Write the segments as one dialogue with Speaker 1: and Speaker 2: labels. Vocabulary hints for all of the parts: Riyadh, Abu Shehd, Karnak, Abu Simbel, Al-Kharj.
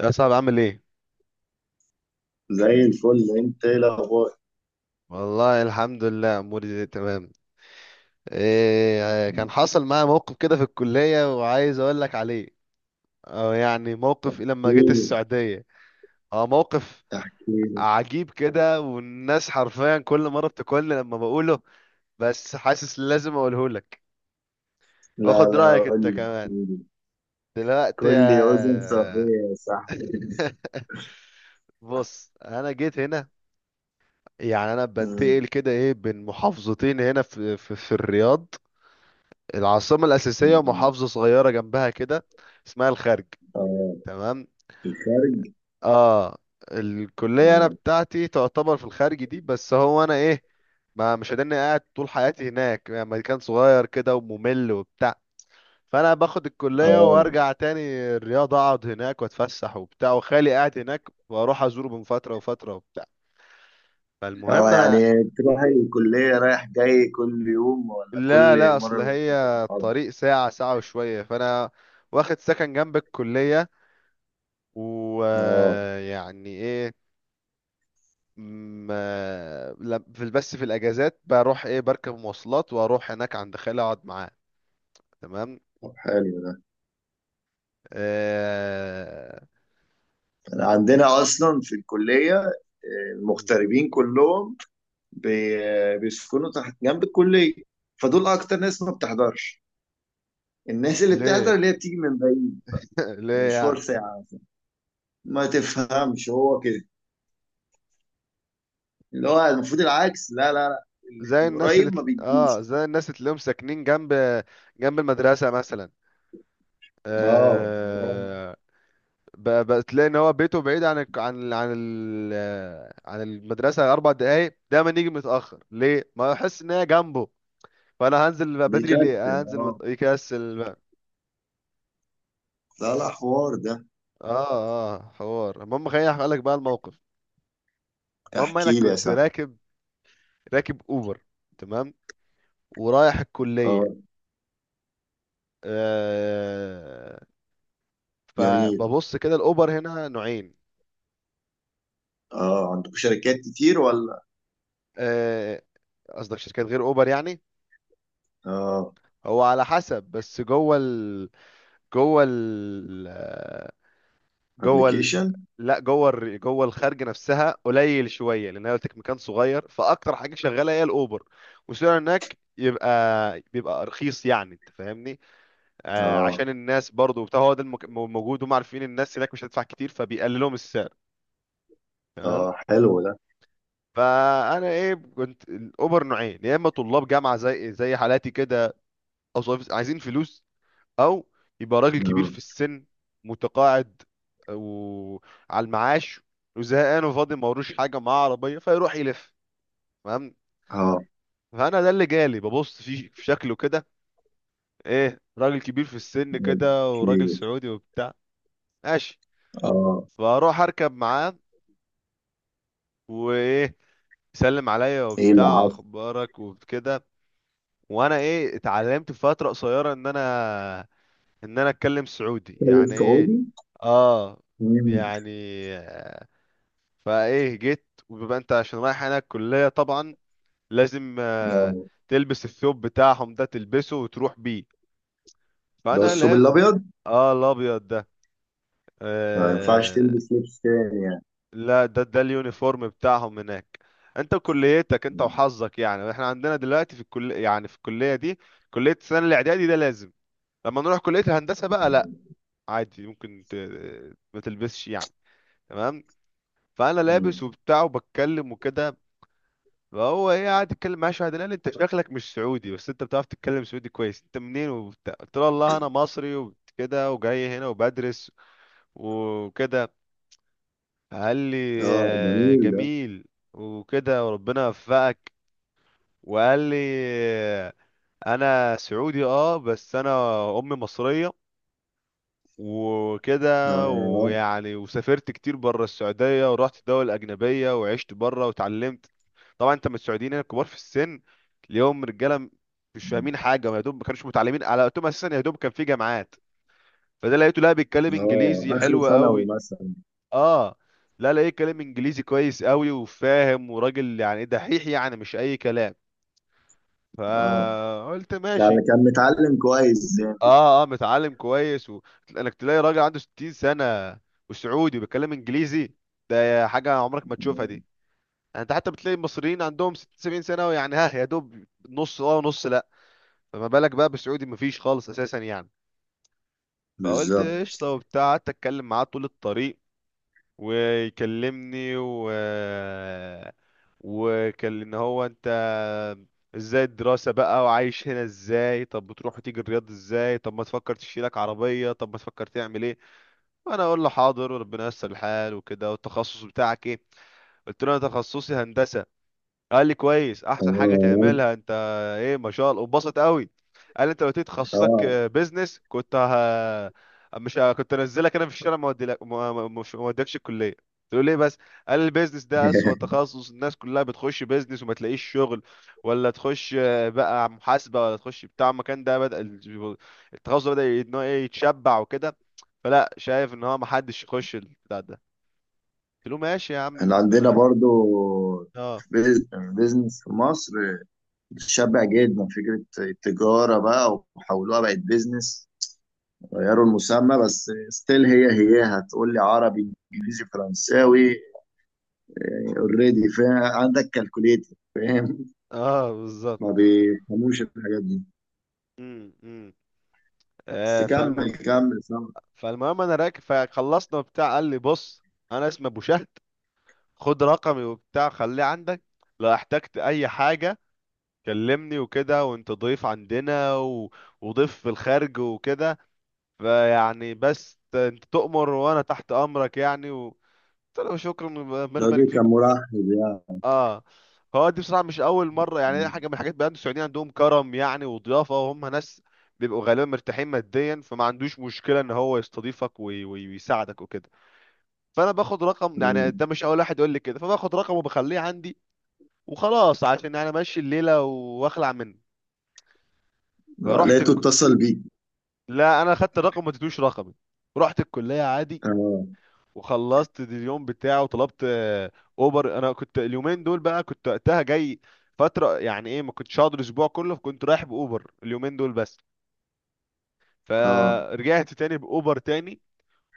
Speaker 1: يا صاحبي، عامل ايه؟
Speaker 2: زي الفل، انت ايه الاخبار؟
Speaker 1: والله الحمد لله اموري زي تمام. إيه، كان حصل معايا موقف كده في الكليه وعايز اقول لك عليه. أو يعني موقف إيه لما جيت
Speaker 2: احكيلي.
Speaker 1: السعوديه. هو موقف
Speaker 2: احكيلي.
Speaker 1: عجيب كده، والناس حرفيا كل مره بتاكلني لما بقوله. بس حاسس لازم اقوله لك.
Speaker 2: لا
Speaker 1: واخد
Speaker 2: لا،
Speaker 1: رايك
Speaker 2: قول
Speaker 1: انت
Speaker 2: لي
Speaker 1: كمان.
Speaker 2: احكيلي.
Speaker 1: دلوقتي
Speaker 2: كل اذن
Speaker 1: يا.
Speaker 2: صغير يا صاحبي.
Speaker 1: بص، انا جيت هنا. يعني انا
Speaker 2: مم.
Speaker 1: بنتقل كده ايه بين محافظتين هنا في في الرياض. العاصمة الأساسية
Speaker 2: مم.
Speaker 1: محافظة صغيرة جنبها كده. اسمها الخرج.
Speaker 2: اه.
Speaker 1: تمام،
Speaker 2: الخارج.
Speaker 1: اه. الكلية أنا
Speaker 2: مم.
Speaker 1: بتاعتي تعتبر في الخارج دي، بس هو أنا إيه. ما مش هداني قاعد طول حياتي هناك، يعني مكان صغير كده وممل وبتاع. فأنا باخد الكلية
Speaker 2: اه.
Speaker 1: وأرجع تاني. الرياض أقعد هناك وأتفسح وبتاع، وخالي قاعد هناك وأروح أزوره من فترة وفترة وبتاع.
Speaker 2: اه،
Speaker 1: فالمهم أنا.
Speaker 2: يعني تروح
Speaker 1: مم.
Speaker 2: الكلية رايح جاي كل يوم ولا
Speaker 1: لا لا،
Speaker 2: كل
Speaker 1: أصل
Speaker 2: مرة؟
Speaker 1: هي. الطريق ساعة ساعة وشوية، فأنا. واخد سكن جنب الكلية.
Speaker 2: اه.
Speaker 1: ويعني ايه. في بس في الاجازات بروح ايه بركب مواصلات واروح هناك عند خالي اقعد معاه. تمام.
Speaker 2: طب حلو ده.
Speaker 1: آه.
Speaker 2: أنا عندنا اصلا في الكلية آه،
Speaker 1: مم.
Speaker 2: المغتربين كلهم بيسكنوا تحت جنب الكلية. فدول اكتر ناس ما بتحضرش. الناس اللي بتحضر
Speaker 1: ليه؟
Speaker 2: اللي هي بتيجي من بعيد.
Speaker 1: ليه يعني؟
Speaker 2: مشوار ساعة. ما تفهمش، هو كده. اللي هو المفروض العكس. لا لا لا، ال- القريب ما بيجيش.
Speaker 1: زي الناس اللي تلاقيهم ساكنين جنب المدرسة مثلا.
Speaker 2: اه آه.
Speaker 1: آه. بتلاقي ان هو بيته بعيد عن الك- عن عن ال... عن المدرسة 4 دقايق، دايما يجي متأخر، ليه ما يحس ان هي جنبه. فانا هنزل بقى بدري ليه،
Speaker 2: بيكتب.
Speaker 1: هنزل
Speaker 2: اه.
Speaker 1: يكسل بقى.
Speaker 2: لا لا، حوار ده.
Speaker 1: اه اه، حوار المهم خليني احكي لك بقى الموقف. المهم انا
Speaker 2: احكي لي يا
Speaker 1: كنت
Speaker 2: صاحبي.
Speaker 1: راكب. راكب اوبر. تمام. ورايح الكليه.
Speaker 2: اه
Speaker 1: آه.
Speaker 2: جميل.
Speaker 1: فببص كده، الاوبر هنا نوعين.
Speaker 2: اه، عندكم شركات كتير ولا؟
Speaker 1: آه، قصدك شركات غير اوبر يعني.
Speaker 2: اه.
Speaker 1: هو على حسب، بس جوه ال... جوه ال...
Speaker 2: ابلكيشن.
Speaker 1: لا جوه الخارج نفسها قليل شويه، لان انا قلت لك مكان صغير، فاكتر حاجه شغاله هي الاوبر. والسعر هناك يبقى. بيبقى رخيص، يعني انت فاهمني. آه،
Speaker 2: اه.
Speaker 1: عشان الناس برضو بتاع، هو ده موجود، هم عارفين الناس هناك مش هتدفع كتير فبيقللهم السعر. تمام.
Speaker 2: اه حلو ده.
Speaker 1: فانا ايه، كنت الاوبر نوعين، يا اما طلاب جامعه زي حالاتي كده. او عايزين فلوس. او. يبقى راجل كبير
Speaker 2: اه.
Speaker 1: في السن. متقاعد. وعلى المعاش. وزهقان وفاضي، ما وروش حاجه، معاه عربيه فيروح يلف. فاهم.
Speaker 2: اه
Speaker 1: فانا ده اللي جالي، ببص فيه في شكله كده. ايه، راجل كبير في السن كده، وراجل
Speaker 2: كتير.
Speaker 1: سعودي وبتاع. ماشي.
Speaker 2: اه.
Speaker 1: فاروح اركب معاه. وايه. يسلم عليا
Speaker 2: ايه اللي
Speaker 1: وبتاع،
Speaker 2: عايز.
Speaker 1: اخبارك وكده. وانا ايه، اتعلمت في فتره قصيره ان انا اتكلم سعودي،
Speaker 2: تتكلم
Speaker 1: يعني ايه.
Speaker 2: سعودي.
Speaker 1: اه
Speaker 2: مم.
Speaker 1: يعني. فايه جيت، وبيبقى انت عشان رايح هناك الكليه طبعا. لازم آه،.
Speaker 2: اه،
Speaker 1: تلبس الثوب بتاعهم ده، تلبسه وتروح بيه.
Speaker 2: ده
Speaker 1: فانا
Speaker 2: الثوب
Speaker 1: لاب.
Speaker 2: الابيض؟
Speaker 1: اه، الابيض ده.
Speaker 2: ما ينفعش
Speaker 1: آه.
Speaker 2: تلبس لبس تاني يعني؟
Speaker 1: لا، ده اليونيفورم بتاعهم هناك. انت كليتك انت
Speaker 2: مم.
Speaker 1: وحظك، يعني احنا عندنا دلوقتي في الكل، يعني في الكليه دي. كليه السنه الاعدادي ده لازم. لما نروح كليه الهندسه بقى لا. عادي، ممكن ما تلبسش يعني. تمام. فانا لابس
Speaker 2: مم.
Speaker 1: وبتاع وبتكلم وكده. فهو ايه، قاعد يتكلم معاه شويه، قال لي انت شكلك مش سعودي، بس انت بتعرف تتكلم سعودي كويس، انت منين وبتاع، قلت له والله انا مصري وكده، وجاي هنا وبدرس. وكده. قال لي.
Speaker 2: اه
Speaker 1: آه،
Speaker 2: جميل ده.
Speaker 1: جميل. وكده، وربنا يوفقك. وقال لي آه،. انا سعودي، اه، بس انا. امي مصريه. وكده
Speaker 2: اه.
Speaker 1: ويعني، وسافرت كتير بره السعودية، ورحت دول أجنبية وعشت بره وتعلمت. طبعا انت من السعوديين هنا الكبار في السن. اليوم رجالة. مش فاهمين حاجة، ما يا دوب ما كانوش متعلمين على وقتهم أساسا، يا دوب كان في جامعات. فده لقيته، لا بيتكلم
Speaker 2: اه،
Speaker 1: إنجليزي
Speaker 2: اخر
Speaker 1: حلو
Speaker 2: ثانوي
Speaker 1: قوي.
Speaker 2: مثلا؟
Speaker 1: اه. لا، لقيت كلام إنجليزي كويس قوي وفاهم، وراجل يعني دحيح يعني، مش أي كلام.
Speaker 2: اه،
Speaker 1: فقلت
Speaker 2: يعني
Speaker 1: ماشي.
Speaker 2: كان متعلم كويس يعني؟
Speaker 1: اه اه، متعلم كويس و... انك تلاقي راجل عنده 60 سنة. وسعودي وبيتكلم انجليزي. ده حاجة عمرك ما تشوفها دي.
Speaker 2: مم.
Speaker 1: يعني انت حتى بتلاقي المصريين عندهم 60 70 سنة، ويعني ها يا دوب نص اه ونص لا. فما بالك بقى بالسعودي، مفيش خالص اساسا يعني. فقلت
Speaker 2: بالظبط.
Speaker 1: قشطة وبتاع، قعدت اتكلم معاه طول الطريق. ويكلمني و. وكان ان هو انت. ازاي الدراسة بقى، وعايش هنا ازاي، طب بتروح وتيجي الرياض ازاي، طب ما تفكر تشيلك عربية، طب ما تفكر تعمل ايه. وانا اقول له حاضر وربنا ييسر الحال وكده، والتخصص بتاعك ايه. قلت له انا تخصصي هندسة. قال لي كويس، احسن حاجه
Speaker 2: اه.
Speaker 1: تعملها انت. ايه ما شاء الله، وبسط قوي. قال لي انت لو قلت لي تخصصك.
Speaker 2: اه،
Speaker 1: بيزنس كنت. ه... مش ه... كنت انزلك انا في الشارع، ما اوديلك مش ما اوديكش الكليه. تقول ليه بس. قال لي البيزنس ده اسوأ تخصص، الناس كلها بتخش بيزنس وما تلاقيش شغل. ولا تخش آه، بقى محاسبه، ولا تخش بتاع المكان ده، بدأ التخصص ده بدأ ان هو ايه يتشبع وكده. فلا، شايف ان هو ما حدش يخش البتاع ده. قلت له ماشي يا عم
Speaker 2: احنا عندنا
Speaker 1: ربنا.
Speaker 2: برضو
Speaker 1: اه
Speaker 2: بيز- بيزنس في مصر. شبع جدا فكرة التجارة بقى وحولوها بقت بيزنس. غيروا المسمى، بس ستيل هي هي، هتقول لي عربي انجليزي فرنساوي، اوريدي، عندك كالكوليتر، فاهم؟
Speaker 1: اه، بالظبط.
Speaker 2: ما بيفهموش الحاجات دي.
Speaker 1: امم
Speaker 2: بس
Speaker 1: آه،
Speaker 2: كمل كمل، سامع.
Speaker 1: فالمهم انا راكب، فخلصنا وبتاع قال لي بص. انا اسمي ابو شهد. خد رقمي وبتاع، خليه عندك. لو احتجت اي حاجه. كلمني وكده، وانت ضيف عندنا و... وضيف في الخارج وكده. فيعني بس انت تؤمر، وانا تحت امرك يعني و... قلت له شكرا. ربنا يبارك
Speaker 2: الراجل كان
Speaker 1: فيك.
Speaker 2: مرحب
Speaker 1: اه. هو دي بصراحه مش اول مره، يعني هي
Speaker 2: يعني.
Speaker 1: حاجه من الحاجات بقى، السعوديين عندهم كرم يعني وضيافه، وهم ناس. بيبقوا غالبا مرتاحين ماديا، فما عندوش مشكله ان هو يستضيفك ويساعدك وكده. فانا باخد رقم، يعني
Speaker 2: مم.
Speaker 1: ده مش اول واحد يقول لي كده، فباخد رقمه وبخليه عندي. وخلاص، عشان يعني امشي الليله واخلع منه.
Speaker 2: آه،
Speaker 1: فرحت
Speaker 2: لقيته اتصل بيك؟
Speaker 1: لا، انا خدت الرقم ما اديتوش رقمي. رحت الكليه عادي.
Speaker 2: اه.
Speaker 1: وخلصت اليوم بتاعه، وطلبت آه،. اوبر، انا كنت اليومين دول بقى، كنت وقتها جاي. فتره، يعني ايه، ما كنتش هقعد الاسبوع كله، فكنت رايح باوبر اليومين دول بس.
Speaker 2: اه.
Speaker 1: فرجعت تاني باوبر تاني.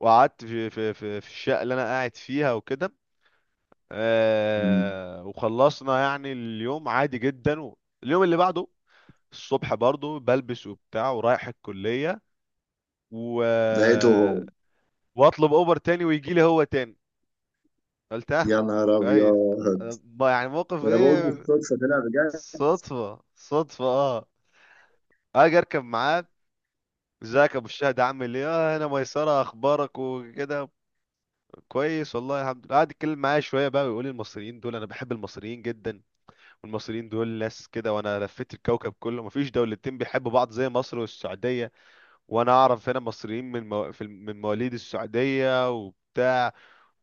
Speaker 1: وقعدت في في الشقه اللي انا قاعد فيها وكده.
Speaker 2: مم.
Speaker 1: آه، وخلصنا يعني اليوم عادي جدا و-. اليوم اللي بعده. الصبح برضو بلبس وبتاع، ورايح الكليه. و...
Speaker 2: لقيته هو.
Speaker 1: آه،. واطلب اوبر تاني، ويجي لي هو تاني. قلتها.
Speaker 2: يا نهار
Speaker 1: كويس.
Speaker 2: ابيض.
Speaker 1: أنا يعني موقف
Speaker 2: ده انا بقول
Speaker 1: ايه.
Speaker 2: بالصدفه طلع بجد.
Speaker 1: صدفة صدفة اه. اجي اركب معاك. ازيك يا ابو الشهد، عامل ايه، اه انا ميسرة، اخبارك وكده. كويس والله الحمد لله، قعد يتكلم معايا شوية بقى، ويقول لي المصريين دول انا بحب المصريين جدا. والمصريين دول ناس كده، وانا لفيت الكوكب كله، مفيش دولتين بيحبوا بعض زي مصر والسعودية. وانا اعرف هنا مصريين من مو... في الم- من مواليد السعودية وبتاع.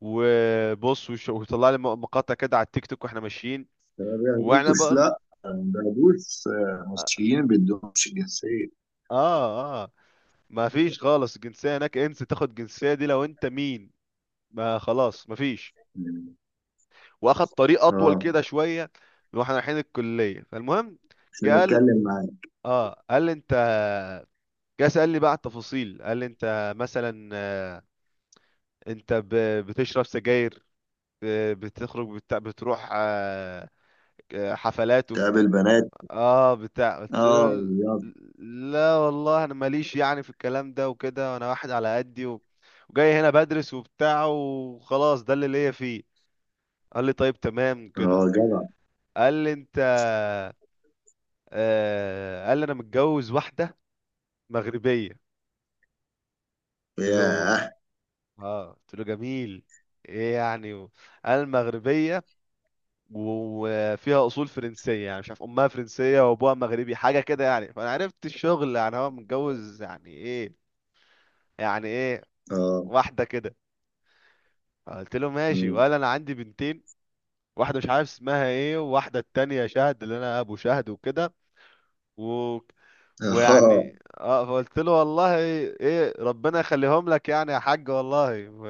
Speaker 1: وبص، وطلع لي مقاطع كده على التيك توك واحنا ماشيين.
Speaker 2: ما
Speaker 1: واحنا.
Speaker 2: بياخدوش، لا. ما بياخدوش آه،
Speaker 1: اه
Speaker 2: مصريين ما بيدوهمش الجنسيه.
Speaker 1: اه، ما فيش خالص الجنسيه هناك، انسى تاخد الجنسيه دي لو انت مين. ما خلاص ما فيش.
Speaker 2: مم.
Speaker 1: واخد طريق اطول
Speaker 2: اه،
Speaker 1: كده شويه. واحنا رايحين الكليه، فالمهم. جه
Speaker 2: عشان
Speaker 1: قال.
Speaker 2: يتكلم معاك.
Speaker 1: اه قال لي انت. جه سأل لي بقى على التفاصيل، قال لي انت مثلا آه،. انت بتشرب سجاير. آه، بتخرج بتروح آه،. آه، حفلات.
Speaker 2: تقابل بنات.
Speaker 1: اه بتاع، قلت
Speaker 2: اه
Speaker 1: له
Speaker 2: يلا.
Speaker 1: لا والله، انا ماليش يعني في الكلام ده وكده، انا واحد على قدي و... وجاي هنا بدرس وبتاع وخلاص، ده اللي ليا فيه. قال لي طيب تمام كده.
Speaker 2: اه جدع.
Speaker 1: قال لي انت. آه، قال لي انا متجوز واحده. مغربيه. قلت له
Speaker 2: ياه.
Speaker 1: اه قلت له جميل. ايه يعني و... قال مغربيه. وفيها اصول فرنسيه، يعني مش عارف امها فرنسيه وابوها مغربي، حاجه كده يعني، فانا عرفت الشغل، يعني هو متجوز يعني ايه. يعني ايه.
Speaker 2: اه.
Speaker 1: واحده كده. قلت له ماشي،
Speaker 2: مم.
Speaker 1: وقال انا عندي بنتين. واحده مش عارف اسمها ايه، وواحده التانية شهد اللي انا ابو شهد وكده. و...
Speaker 2: اه.
Speaker 1: ويعني اه، فقلت له والله ايه، ربنا يخليهم لك يعني يا حاج والله و...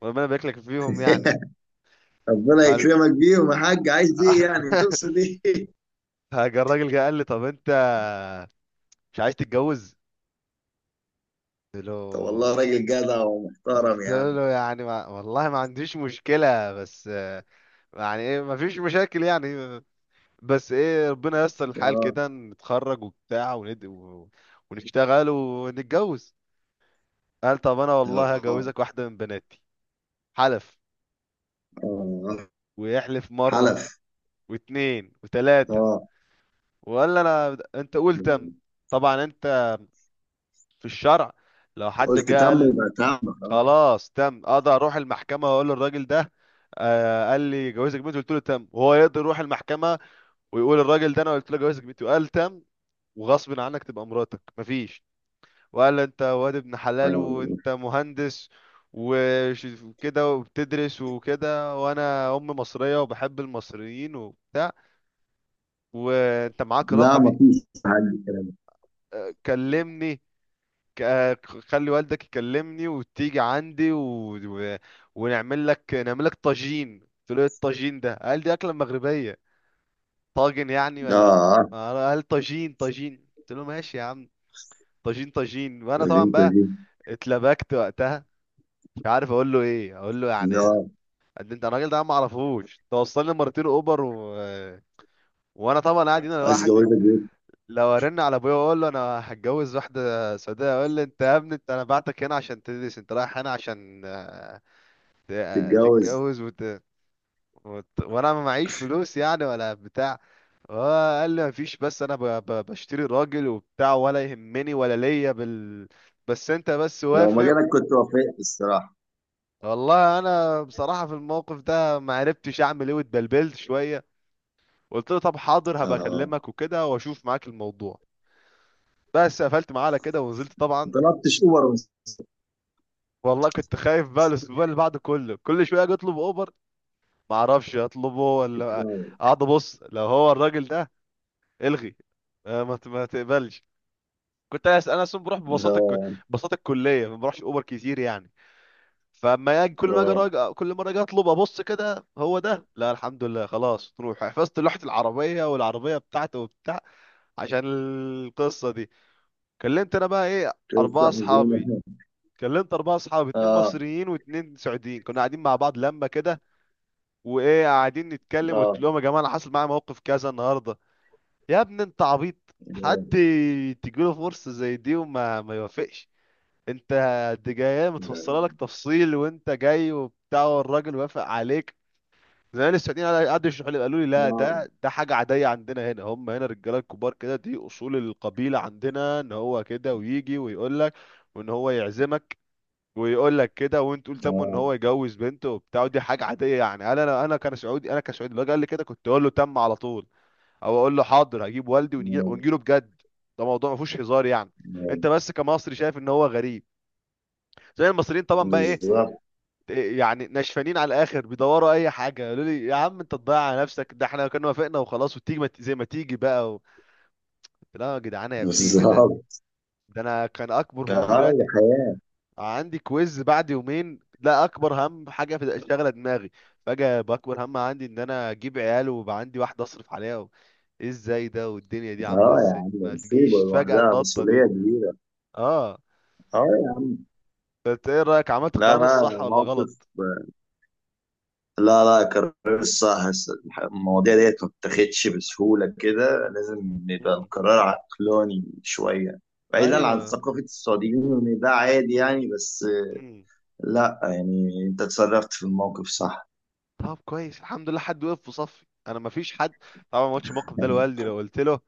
Speaker 1: وربنا يبارك لك فيهم يعني.
Speaker 2: ربنا
Speaker 1: فال...
Speaker 2: يكرمك بيهم يا حاج. عايز ايه يعني، تقصد ايه؟
Speaker 1: فجا الراجل، جه قال لي طب انت. مش عايز تتجوز. قلت له
Speaker 2: طب والله راجل جدع ومحترم
Speaker 1: قلت
Speaker 2: يا عم.
Speaker 1: له يعني ما... والله ما عنديش مشكلة بس آه،. يعني ايه، ما فيش مشاكل يعني. بس ايه، ربنا ييسر الحال
Speaker 2: اه.
Speaker 1: كده، نتخرج وبتاع ونشتغل ونتجوز. قال طب انا والله
Speaker 2: اه.
Speaker 1: هجوزك واحدة من بناتي. حلف.
Speaker 2: اه.
Speaker 1: ويحلف مرة.
Speaker 2: حلف.
Speaker 1: واتنين وتلاتة.
Speaker 2: اه.
Speaker 1: وقال انا انت قول تم.
Speaker 2: مم.
Speaker 1: طبعا انت. في الشرع. لو حد
Speaker 2: قلت
Speaker 1: جه
Speaker 2: تم
Speaker 1: قال.
Speaker 2: يبقى تم، اه.
Speaker 1: خلاص تم، اقدر اروح المحكمة واقول للراجل ده. آه، قال لي جوزك بنتي، قلت له تم، وهو يقدر يروح المحكمة. ويقول الراجل ده انا قلت له جوزك بنتي، وقال تم. وغصب عنك تبقى مراتك، مفيش. ولا، انت واد ابن حلال
Speaker 2: آه.
Speaker 1: وانت مهندس. وكده وبتدرس وكده، وانا ام مصرية وبحب المصريين وبتاع. وانت معاك
Speaker 2: لا
Speaker 1: رقمي.
Speaker 2: ما فيش حاجة كلام.
Speaker 1: اه، كلمني. خلي والدك يكلمني وتيجي عندي و... و... ونعمل لك نعمل لك طاجين، قلت له ايه الطاجين ده، قال دي اكلة مغربية. طاجن يعني ولا.
Speaker 2: اه.
Speaker 1: قال طاجين طاجين، قلت له ماشي يا عم. طاجين طاجين، وانا طبعا
Speaker 2: تجيب
Speaker 1: بقى.
Speaker 2: تجيب.
Speaker 1: اتلبكت وقتها. مش عارف اقول له ايه، اقول له يعني.
Speaker 2: اه
Speaker 1: قد انت، الراجل ده أنا ما اعرفوش، توصلني مرتين اوبر و... وانا طبعا قاعد هنا
Speaker 2: عايز
Speaker 1: لوحدي.
Speaker 2: جوازك بيه.
Speaker 1: لو ارن على ابويا واقول له انا هتجوز واحده سعوديه، اقول لي انت يا ابني، انت انا بعتك هنا عشان تدرس انت، رايح هنا عشان آه،.
Speaker 2: تتجوز.
Speaker 1: تتجوز وانا ما معيش فلوس يعني ولا بتاع. هو. قال لي مفيش، بس انا بشتري راجل وبتاع، ولا يهمني ولا ليا بال. بس انت بس
Speaker 2: لو ما
Speaker 1: وافق.
Speaker 2: جالك كنت وافقت الصراحة.
Speaker 1: والله انا بصراحه في الموقف ده ما عرفتش اعمل ايه، واتبلبلت شويه. قلت له طب حاضر، هبقى
Speaker 2: اه.
Speaker 1: اكلمك وكده واشوف معاك الموضوع. بس قفلت معاه على كده، ونزلت
Speaker 2: ما
Speaker 1: طبعا.
Speaker 2: طلبتش اوبر من.
Speaker 1: والله كنت خايف بقى الاسبوع اللي بعده كله، كل شويه اجي اطلب اوبر. ما اعرفش اطلبه ولا. اقعد ابص لو هو الراجل ده. الغي. آه، ما تقبلش. كنت انا اصلا بروح ببساطه
Speaker 2: اه.
Speaker 1: ببساطه الكليه ما بروحش اوبر كتير يعني. فاما اجي، كل ما اجي
Speaker 2: اه.
Speaker 1: كل مره اجي اطلب، ابص كده هو ده، لا الحمد لله خلاص تروح، حفظت لوحه العربيه والعربيه بتاعته وبتاع. عشان. القصه دي. كلمت انا بقى ايه. اربعه
Speaker 2: قصة
Speaker 1: اصحابي.
Speaker 2: حزينة.
Speaker 1: كلمت اربعه اصحابي، اتنين مصريين واتنين سعوديين، كنا قاعدين مع بعض لما كده. وايه قاعدين نتكلم، قلت
Speaker 2: اه.
Speaker 1: لهم يا جماعه انا حصل معايا موقف كذا النهارده. يا ابني انت عبيط. حد.
Speaker 2: آه،
Speaker 1: تجيله فرصه زي دي وما ما يوافقش. انت. دي جايه متفصله لك تفصيل، وانت جاي وبتاع، والراجل وافق عليك. زمان السعوديين قعدوا يشرحوا لي، قالوا لي لا،
Speaker 2: آه،
Speaker 1: ده حاجه عاديه عندنا هنا، هم هنا الرجاله الكبار كده، دي اصول القبيله عندنا، ان هو كده ويجي ويقول لك. وان هو يعزمك. ويقول لك كده، وانت تقول تمه، ان
Speaker 2: آه،
Speaker 1: هو يجوز بنته وبتاع، ودي حاجه عاديه يعني، انا كان سعودي، انا كسعودي لو قال لي كده كنت اقول له تم على طول. او اقول له حاضر، هجيب والدي ونجيله بجد. ده موضوع ما فيهوش هزار يعني.
Speaker 2: آه.
Speaker 1: انت بس كمصري شايف ان هو غريب. زي المصريين طبعا بقى ايه.
Speaker 2: بالظبط.
Speaker 1: إيه يعني، نشفانين على الاخر بيدوروا اي حاجه، قالوا لي يا عم انت تضيع على نفسك، ده احنا كنا وافقنا وخلاص، وتيجي ما ت- زي ما تيجي بقى و... قلت لا يا جدعان، هي بتيجي كده.
Speaker 2: بالظبط.
Speaker 1: ده انا كان اكبر همومي
Speaker 2: اه دي
Speaker 1: دلوقتي.
Speaker 2: حياة.
Speaker 1: عندي كويز بعد يومين، ده اكبر هم حاجه في شغله دماغي. فجاه باكبر هم عندي ان انا اجيب عيال ويبقى عندي واحده اصرف عليها و... ايه، ازاي ده، والدنيا دي عامله
Speaker 2: اه يا
Speaker 1: ازاي،
Speaker 2: عم،
Speaker 1: ما
Speaker 2: مصيبة
Speaker 1: تجيش فجاه
Speaker 2: لوحدها،
Speaker 1: النطه
Speaker 2: مسؤولية
Speaker 1: دي.
Speaker 2: كبيرة.
Speaker 1: اه.
Speaker 2: اه يا عم.
Speaker 1: فانت ايه رايك، عملت
Speaker 2: لا
Speaker 1: القرار
Speaker 2: لا
Speaker 1: الصح ولا
Speaker 2: موقف.
Speaker 1: غلط؟
Speaker 2: لا لا قرار الصح. المواضيع ديت ما بتاخدش بسهولة كده، لازم نبقى
Speaker 1: مم.
Speaker 2: القرار عقلاني شوية، بعيدا عن
Speaker 1: ايوه.
Speaker 2: ثقافة السعوديين ان ده عادي يعني. بس
Speaker 1: مم.
Speaker 2: لا يعني، انت اتصرفت في الموقف صح.
Speaker 1: طب كويس، الحمد لله حد وقف في صفي، انا ما فيش حد. طبعا ما قلتش الموقف ده لوالدي، لو قلت له.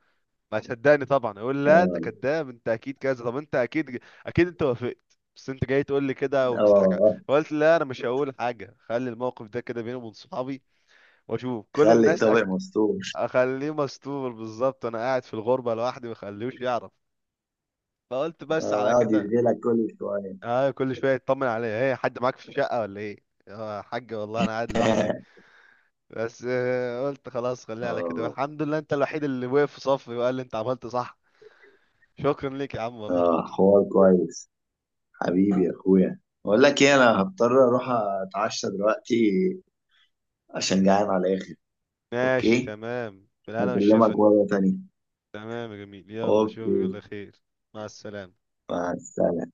Speaker 1: ما صدقني طبعا، يقول لا انت
Speaker 2: اه.
Speaker 1: كذاب، انت اكيد كذا، طب انت اكيد. اكيد انت وافقت، بس انت جاي تقول لي كده، وبتضحك على-.
Speaker 2: اه.
Speaker 1: فقلت لا، انا مش هقول حاجه، خلي الموقف ده كده بيني وبين صحابي. واشوف كل
Speaker 2: خلي
Speaker 1: الناس
Speaker 2: الطبق مستور.
Speaker 1: اخليه مستور بالظبط، انا قاعد في الغربه لوحدي، ما اخليهوش يعرف. فقلت بس
Speaker 2: اه
Speaker 1: على
Speaker 2: يقعد
Speaker 1: كده.
Speaker 2: يشغلك كل شويه.
Speaker 1: اه، كل شويه يطمن عليا، ايه حد معاك في الشقه ولا ايه. اه يا حاج والله، انا قاعد لوحدي. بس آه، قلت خلاص خليها على كده،
Speaker 2: اه.
Speaker 1: الحمد لله انت الوحيد اللي وقف في صفي، وقال لي انت عملت صح. شكرا ليك يا عم والله.
Speaker 2: اه حوار كويس. حبيبي يا اخويا، بقول لك ايه، انا هضطر اروح اتعشى دلوقتي عشان جعان على الاخر.
Speaker 1: ماشي
Speaker 2: اوكي.
Speaker 1: تمام، بالهنا
Speaker 2: هكلمك
Speaker 1: والشفا.
Speaker 2: مره تانية.
Speaker 1: تمام يا جميل، يلا اشوفك
Speaker 2: اوكي.
Speaker 1: على خير. مع السلامة.
Speaker 2: مع السلامه.